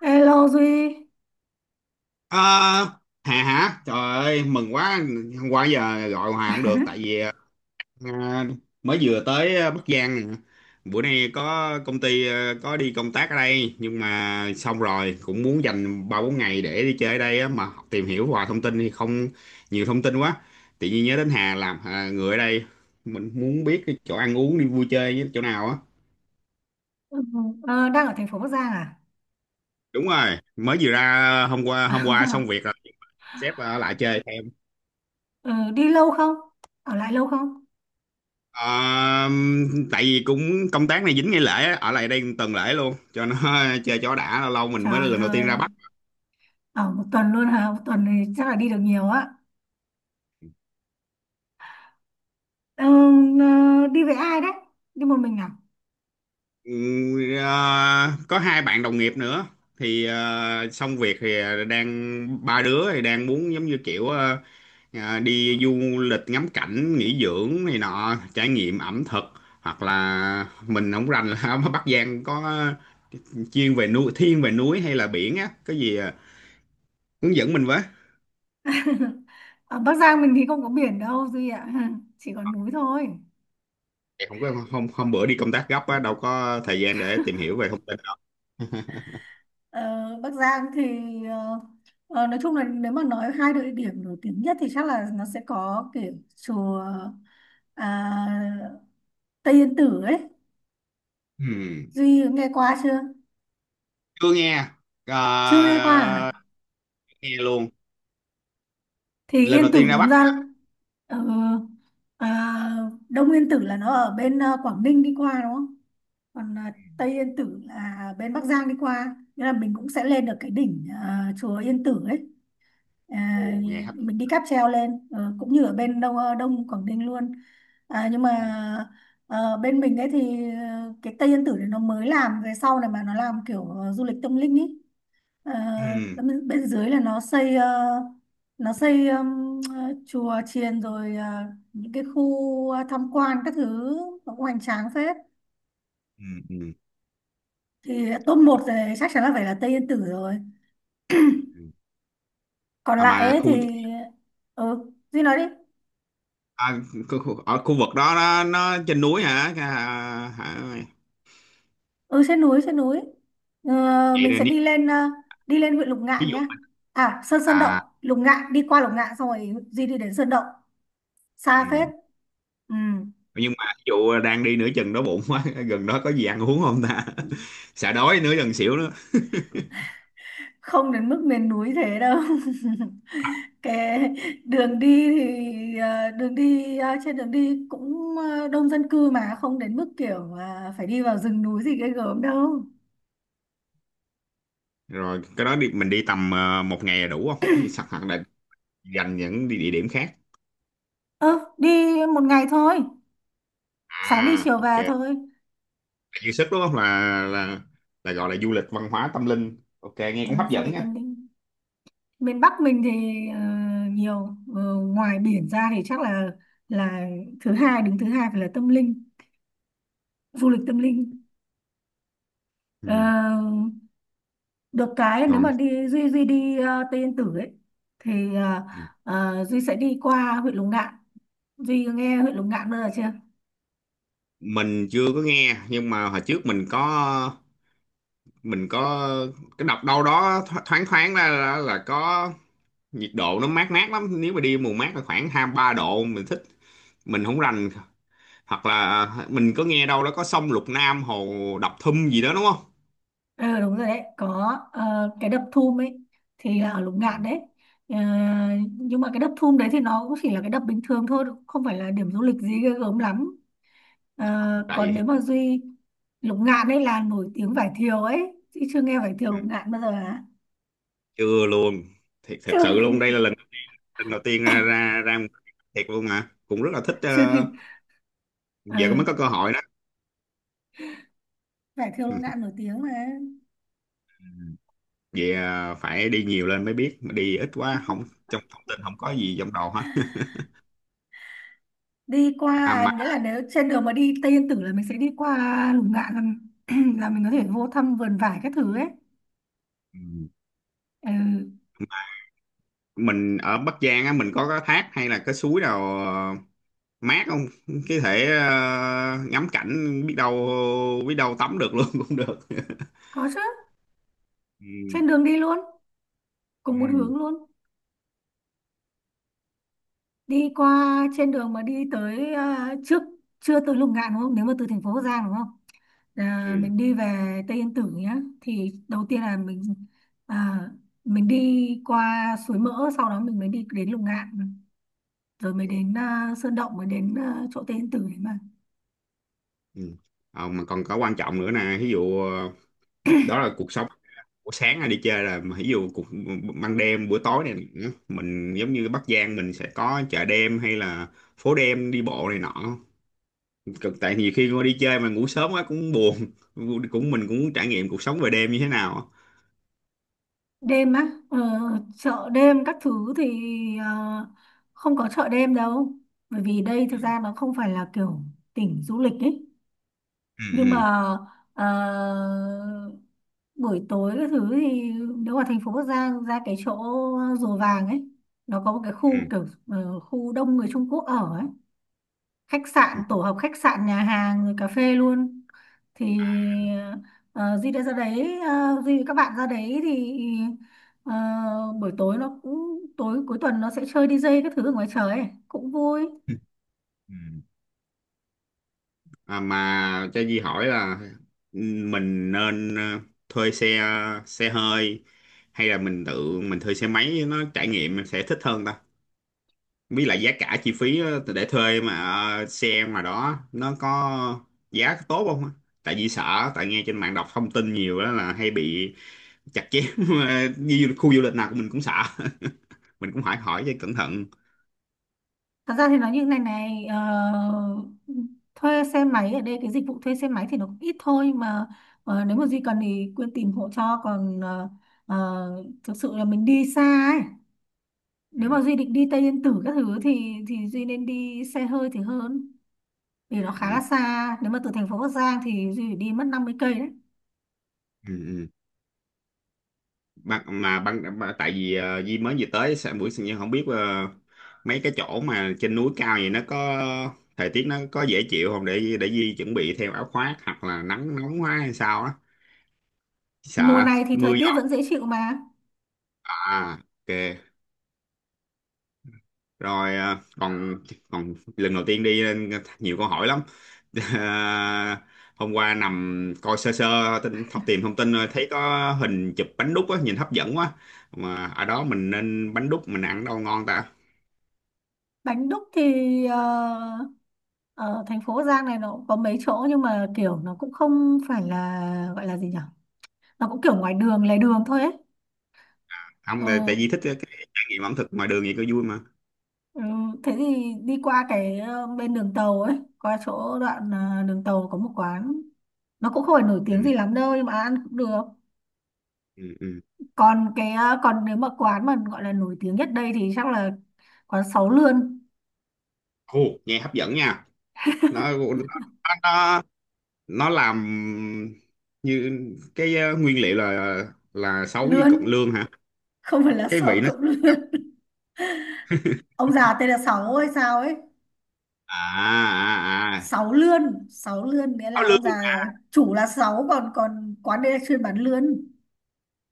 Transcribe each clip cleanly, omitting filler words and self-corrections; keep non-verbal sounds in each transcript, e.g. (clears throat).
Hello Duy Ờ, Hà hả? Trời ơi, mừng quá. Hôm qua giờ gọi hòa không được tại (laughs) vì ờ, mới vừa tới Bắc Giang nè. Bữa nay có đi công tác ở đây nhưng mà xong rồi cũng muốn dành 3 4 ngày để đi chơi ở đây á, mà tìm hiểu hòa thông tin thì không nhiều thông tin quá. Tự nhiên nhớ đến Hà làm à, người ở đây mình muốn biết cái chỗ ăn uống đi vui chơi với chỗ nào á. Ừ, đang ở thành phố Bắc Giang à? Đúng rồi, mới vừa ra hôm qua xong việc (laughs) rồi sếp lại chơi. Ờ, đi lâu không? Ở lại lâu không? Ờ, tại vì cũng công tác này dính ngày lễ á, ở lại đây tuần lễ luôn cho nó (laughs) chơi cho đã, lâu lâu mình mới Trời lần đầu tiên ra ơi, Bắc. ở một tuần luôn hả? Một tuần thì chắc là đi được nhiều á. Ờ, đi với ai đấy? Đi một mình à? Ừ, có hai bạn đồng nghiệp nữa thì xong việc thì đang ba đứa thì đang muốn giống như kiểu đi du lịch ngắm cảnh nghỉ dưỡng này nọ, trải nghiệm ẩm thực. Hoặc là mình không rành là (laughs) ở Bắc Giang có chuyên về núi, thiên về núi hay là biển á, cái gì hướng dẫn mình với. (laughs) Ở Bắc Giang mình thì không có biển đâu Duy ạ, (laughs) chỉ có núi thôi. Thì không có, hôm hôm bữa đi công tác gấp á đâu có thời gian để tìm hiểu về thông tin đó. (laughs) Ờ, Bắc Giang thì ờ, nói chung là nếu mà nói hai địa điểm nổi tiếng nhất thì chắc là nó sẽ có kiểu chùa à, Tây Yên Tử ấy. Ừm, Duy có nghe qua chưa? chưa nghe. Chưa nghe qua Ờ, à? chưa nghe luôn, Thì lần đầu Yên Tử tiên ra đúng Bắc ra mà. ờ, à, Đông Yên Tử là nó ở bên Quảng Ninh đi qua đúng không? Còn Tây Yên Tử là bên Bắc Giang đi qua. Nên là mình cũng sẽ lên được cái đỉnh chùa Yên Tử ấy. à, Ồ, nghe hấp dẫn. mình đi cáp treo lên cũng như ở bên Đông Đông Quảng Ninh luôn. À, nhưng mà Ừm. Bên mình ấy thì cái Tây Yên Tử này nó mới làm về sau này mà nó làm kiểu du lịch tâm linh ấy. Ờ, bên, bên dưới là nó xây nó xây chùa chiền rồi những cái khu tham quan các thứ nó cũng hoành tráng phết. Ừm. Ừm. Thì top một rồi chắc chắn là phải là Tây Yên Tử rồi, Ừm. còn à lại mà ấy khu, thì ừ Duy nói đi. à, khu khu- ở khu vực đó nó trên núi hả, à, hả? Ừ trên núi trên núi, Vậy mình sẽ nên, đi lên đi lên huyện Lục ví Ngạn dụ. nhá, à Sơn Sơn Động. À, Lục Ngạn đi qua Lục Ngạn xong rồi Duy đi đến Sơn Động xa phết. ừm. Ừ. Nhưng mà ví dụ đang đi nửa chừng đói bụng quá (laughs) gần đó có gì ăn uống không ta? (laughs) Sợ đói nửa chừng xỉu. Không đến mức miền núi thế đâu. (laughs) Cái đường đi thì đường đi trên đường đi cũng đông dân cư mà không đến mức kiểu phải đi vào rừng núi gì ghê gớm đâu. Rồi cái đó đi, mình đi tầm một ngày là đủ không? Hay sẵn hoặc là dành những địa địa điểm khác. Ừ đi một ngày thôi, sáng đi À, chiều ok về là thôi. dư sức đúng không, là là gọi là du lịch văn hóa tâm linh, ok nghe Ừ, cũng hấp du dẫn lịch nha. tâm linh miền Bắc mình thì ờ, nhiều ngoài biển ra thì chắc là thứ hai đứng thứ hai phải là tâm linh du lịch tâm linh. Ờ, Ừ. được cái nếu Còn mà đi Duy Duy đi Tây Yên Tử ấy thì Duy sẽ đi qua huyện Lục Ngạn. Duy nghe huyện Lục Ngạn bao giờ chưa? mình chưa có nghe, nhưng mà hồi trước mình có cái đọc đâu đó thoáng thoáng ra là có nhiệt độ nó mát mát lắm, nếu mà đi mùa mát là khoảng hai ba độ mình thích. Mình không rành, hoặc là à, mình có nghe đâu đó có sông Lục Nam, hồ Đập Thum gì đó đúng không? Ờ đúng rồi đấy, có cái đập Thum ấy thì là ở Lục Ngạn đấy. Ờ, nhưng mà cái đập Thum đấy thì nó cũng chỉ là cái đập bình thường thôi, không phải là điểm du lịch gì ghê gớm lắm. Ờ, Tại còn vì nếu mà Duy Lục Ngạn ấy là nổi tiếng vải thiều ấy, chị chưa nghe vải thiều Lục Ngạn bao giờ hả? chưa luôn, thiệt, (laughs) thật Chưa sự luôn, đây là lần đầu tiên ra ra ra một cái thiệt luôn mà cũng rất là thích, chưa nghe. Giờ cũng Ờ, mới có cơ hội đó. vải thiều Lục Ngạn nổi (laughs) tiếng mà. Ừ. Vậy phải đi nhiều lên mới biết, mà đi ít quá không, trong thông tin không có gì trong đầu hết. (laughs) Đi À qua mà, nghĩa là nếu trên đường mà đi Tây Yên Tử là mình sẽ đi qua Lục Ngạn là, (clears throat) là mình có thể vô thăm vườn vải các thứ ấy. ừ, Ừ, mình ở Bắc Giang á mình có cái thác hay là cái suối nào mát không, cái thể ngắm cảnh, biết đâu tắm được luôn (laughs) cũng được. có chứ, Ừ. trên đường đi luôn, Ừ. cùng một hướng luôn. Đi qua trên đường mà đi tới trước chưa tới Lục Ngạn đúng không, nếu mà từ thành phố Bắc Giang đúng không. Mình đi về Tây Yên Tử nhá thì đầu tiên là mình, à, mình đi qua Suối Mỡ sau đó mình mới đi đến Lục Ngạn rồi mới Ừ. đến Sơn Động mới đến chỗ Tây Yên Tử đấy mà. Ừ. Mà còn có quan trọng nữa nè, ví dụ đó là cuộc sống buổi sáng hay đi chơi là, mà ví dụ cuộc ban đêm buổi tối này nữa, mình giống như Bắc Giang mình sẽ có chợ đêm hay là phố đêm đi bộ này nọ. Tại nhiều khi mà đi chơi mà ngủ sớm quá cũng buồn, cũng mình cũng muốn trải nghiệm cuộc sống về đêm như thế nào. Đêm á chợ đêm các thứ thì ờ, không có chợ đêm đâu, bởi vì đây thực ra nó không phải là kiểu tỉnh du lịch ấy. Ừ. Nhưng Ừ. mà ờ, buổi tối các thứ thì nếu mà thành phố Bắc Giang ra cái chỗ Rùa Vàng ấy, nó có một cái khu Ừ. kiểu khu đông người Trung Quốc ở ấy, khách sạn tổ hợp khách sạn nhà hàng rồi cà phê luôn. Thì ờ, Duy đã ra đấy Duy với các bạn ra đấy thì ờ, buổi tối nó cũng tối cuối tuần nó sẽ chơi đi DJ các thứ ở ngoài trời ấy. Cũng vui. (laughs) Ừ. À, mà cho Di hỏi là, ừ, mình nên thuê xe xe hơi, hay là mình tự mình thuê xe máy nó trải nghiệm mình sẽ thích hơn ta? Với lại giá cả chi phí, để thuê mà xe mà đó nó có giá tốt không? Á? Tại vì sợ, tại nghe trên mạng đọc thông tin nhiều đó là hay bị chặt chém (laughs) như khu du lịch nào của mình cũng sợ. (laughs) Mình cũng phải hỏi cho cẩn thận. Thật ra thì nói như này này thuê xe máy ở đây cái dịch vụ thuê xe máy thì nó cũng ít thôi mà. Nếu mà Duy cần thì Quyên tìm hộ cho, còn thực sự là mình đi xa ấy. Ừ. Nếu mà Duy định đi Tây Yên Tử các thứ thì Duy nên đi xe hơi thì hơn, vì nó khá Ừ. là xa. Nếu mà từ thành phố Bắc Giang thì Duy phải đi mất 50 cây đấy. Ừ. Ban mà tại vì Di mới vừa tới sẽ buổi sinh nhật, không biết mấy cái chỗ mà trên núi cao vậy nó có thời tiết nó có dễ chịu không, để Di chuẩn bị theo áo khoác, hoặc là nắng nóng quá hay sao á, Mùa sợ này thì thời mưa gió. tiết vẫn dễ chịu mà. À, ok rồi, còn, lần đầu tiên đi nên nhiều câu hỏi lắm. (laughs) Ờ, hôm qua nằm coi sơ sơ tin thông tìm thông tin, rồi thấy có hình chụp bánh đúc á, nhìn hấp dẫn quá, mà ở đó mình nên bánh đúc mình ăn đâu ngon ta? Bánh đúc thì ở thành phố Bắc Giang này nó cũng có mấy chỗ nhưng mà kiểu nó cũng không phải là gọi là gì nhỉ, nó cũng kiểu ngoài đường lề đường thôi ấy. Không, tại tại Ừ, vì thích cái trải nghiệm ẩm thực ngoài đường vậy có vui mà. ừ. Thế thì đi qua cái bên đường tàu ấy qua chỗ đoạn đường tàu có một quán, nó cũng không phải nổi Ừ. tiếng gì lắm đâu nhưng mà ăn cũng được. Ừ. Ừ. Còn cái còn nếu mà quán mà gọi là nổi tiếng nhất đây thì chắc là quán sáu lươn. Ồ, nghe hấp dẫn nha. Nó nó nó, nó làm như cái, nguyên liệu là, sấu với Lươn, cận lương hả? không phải là Cái sáu vị nó, cộng lươn, ông già tên là sáu hay sao ấy. à, à, à. Sáu lươn sáu lươn nghĩa Sấu là ông già lương à. chủ là sáu, còn còn quán đây là chuyên bán lươn.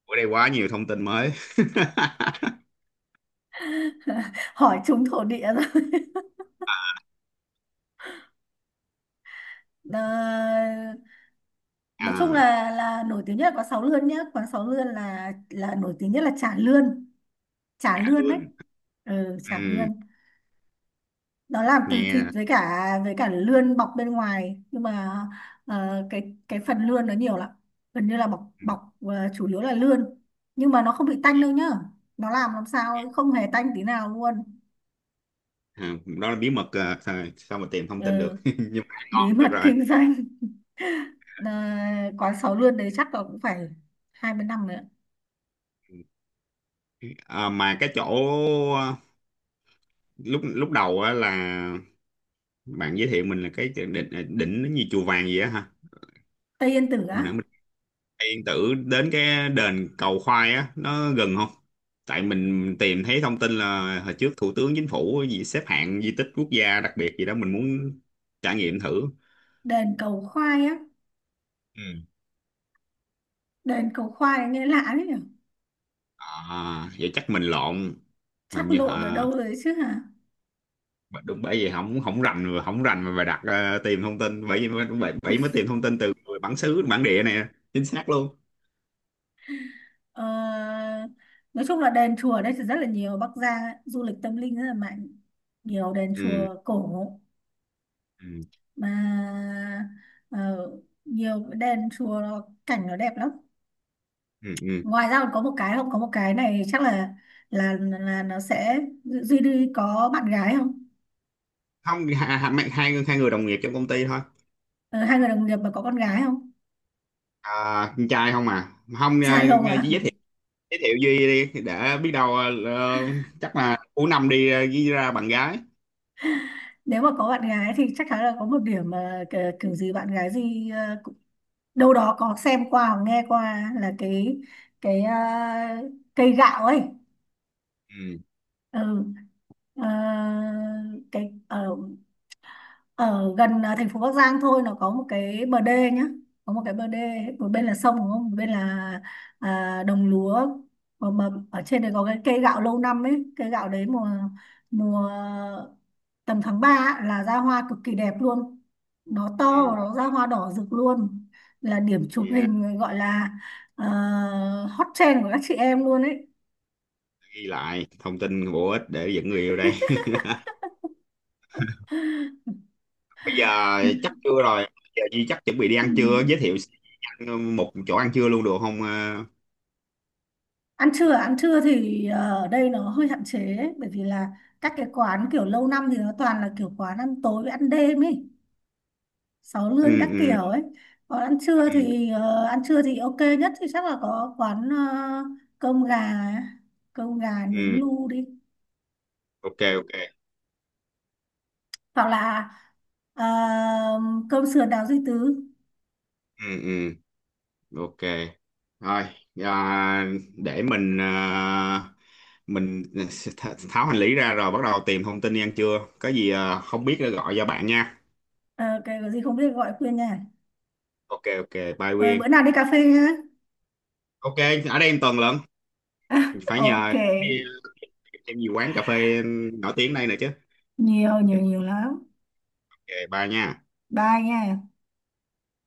Ở đây quá nhiều thông tin mới. (laughs) Hỏi chúng thổ địa. Ờ, nói chung À, là nổi tiếng nhất là quán Sáu Lươn nhá, quán Sáu Lươn là nổi tiếng nhất là chả lươn, chả chả lươn đấy. lương. Ừ, chả Ừ. lươn, nó làm từ thịt Nghe. Với cả lươn bọc bên ngoài, nhưng mà cái phần lươn nó nhiều lắm, gần như là bọc Ừ. bọc chủ yếu là lươn. Nhưng mà nó không bị tanh nghe- đâu nhá, nó làm Nghe. sao không hề tanh tí nào luôn. À, đó là bí mật à, sao mà tìm thông tin được Ừ, (laughs) nhưng mà bí ngon được mật (laughs) rồi. kinh doanh. Ờ, quán Sáu Lươn đấy chắc là cũng phải 20 năm rồi ạ. À, mà cái chỗ ờ, lúc lúc đầu á là bạn giới thiệu mình là cái đỉnh, đỉnh nó như chùa vàng gì á ha. Tây Yên Tử á. Mình Yên Tử đến cái đền cầu khoai á nó gần không? Tại mình tìm thấy thông tin là hồi trước thủ tướng chính phủ gì xếp hạng di tích quốc gia đặc biệt gì đó, mình muốn trải nghiệm thử. Đền cầu khoai á. Ừ. Đền cầu khoai nghe lạ đấy nhỉ. À, vậy chắc mình lộn. Mình Chắc như lộn ở À, đâu rồi chứ hả. mà đúng, bởi vì không không rành mà phải đặt, tìm thông tin, bởi vì mới- bởi, bởi mới tìm thông tin từ người bản xứ, bản địa này chính xác luôn. ờ, Nói chung là đền chùa ở đây thì rất là nhiều, Bắc Giang ấy, du lịch tâm linh rất là mạnh. Nhiều đền Ừ. chùa cổ. Ừ. Mà ờ, nhiều đền chùa nó, cảnh nó đẹp lắm. Ừ. Ừ. Ngoài ra còn có một cái không, có một cái này chắc là nó sẽ Duy Duy có bạn gái không? Không, hai người đồng nghiệp trong công ty thôi. Ờ, Hai người đồng nghiệp mà có con gái không? À, con trai không à, không Trai à, không ạ? chỉ giới thiệu Duy đi để biết đâu chắc là cuối năm đi ghi ra bạn gái. Nếu mà có bạn gái thì chắc chắn là có một điểm mà kiểu gì bạn gái gì đâu đó có xem qua hoặc nghe qua là cái cây gạo ấy. Ừ. Ừ. Ờ, cái ở gần thành phố Bắc Giang thôi, nó có một cái bờ đê nhá, có một cái bờ đê một bên là sông đúng không một bên là đồng lúa. Mà ở trên đấy có cái cây gạo lâu năm ấy, cây gạo đấy mùa mùa tầm tháng 3 là ra hoa cực kỳ đẹp luôn, nó to và Ừ. nó ra hoa đỏ rực luôn. Là điểm chụp Dạ, hình gọi là à, hot trend của các chị em luôn ấy. ghi lại thông tin bổ ích để dẫn người yêu đây. (laughs) Bây giờ chắc (laughs) trưa rồi, giờ Duy chắc chuẩn bị đi Ừ. ăn trưa, giới thiệu một chỗ ăn trưa luôn được không? Ờ, Ăn trưa à? Ăn trưa thì ở đây nó hơi hạn chế ấy, bởi vì là các cái quán kiểu lâu năm thì nó toàn là kiểu quán ăn tối với ăn đêm ấy, sáu ừ. lươn các Ừ. kiểu ấy. Còn ăn trưa Ừ. thì ăn trưa thì ok nhất thì chắc là có quán cơm gà, cơm gà nướng Ừ. lu đi. Ok, ok. Hoặc là ờ, cơm sườn đào duy tứ. Ừ. Ừ. Ok. Thôi, à, để mình, à, mình tháo hành lý ra rồi bắt đầu tìm thông tin đi ăn trưa, có gì à, không biết nữa gọi cho bạn nha. Ờ, cái gì không biết gọi khuyên nha. Ok, ok. Bye Ờ, Quyên. bữa nào đi cà phê nhá. Ok, ở đây em Tuần lận, (laughs) phải Ok. nhờ đi, em gì quán cà phê nổi tiếng đây nè chứ. Nhiều nhiều nhiều lắm. Ok, bye nha. Bye nha.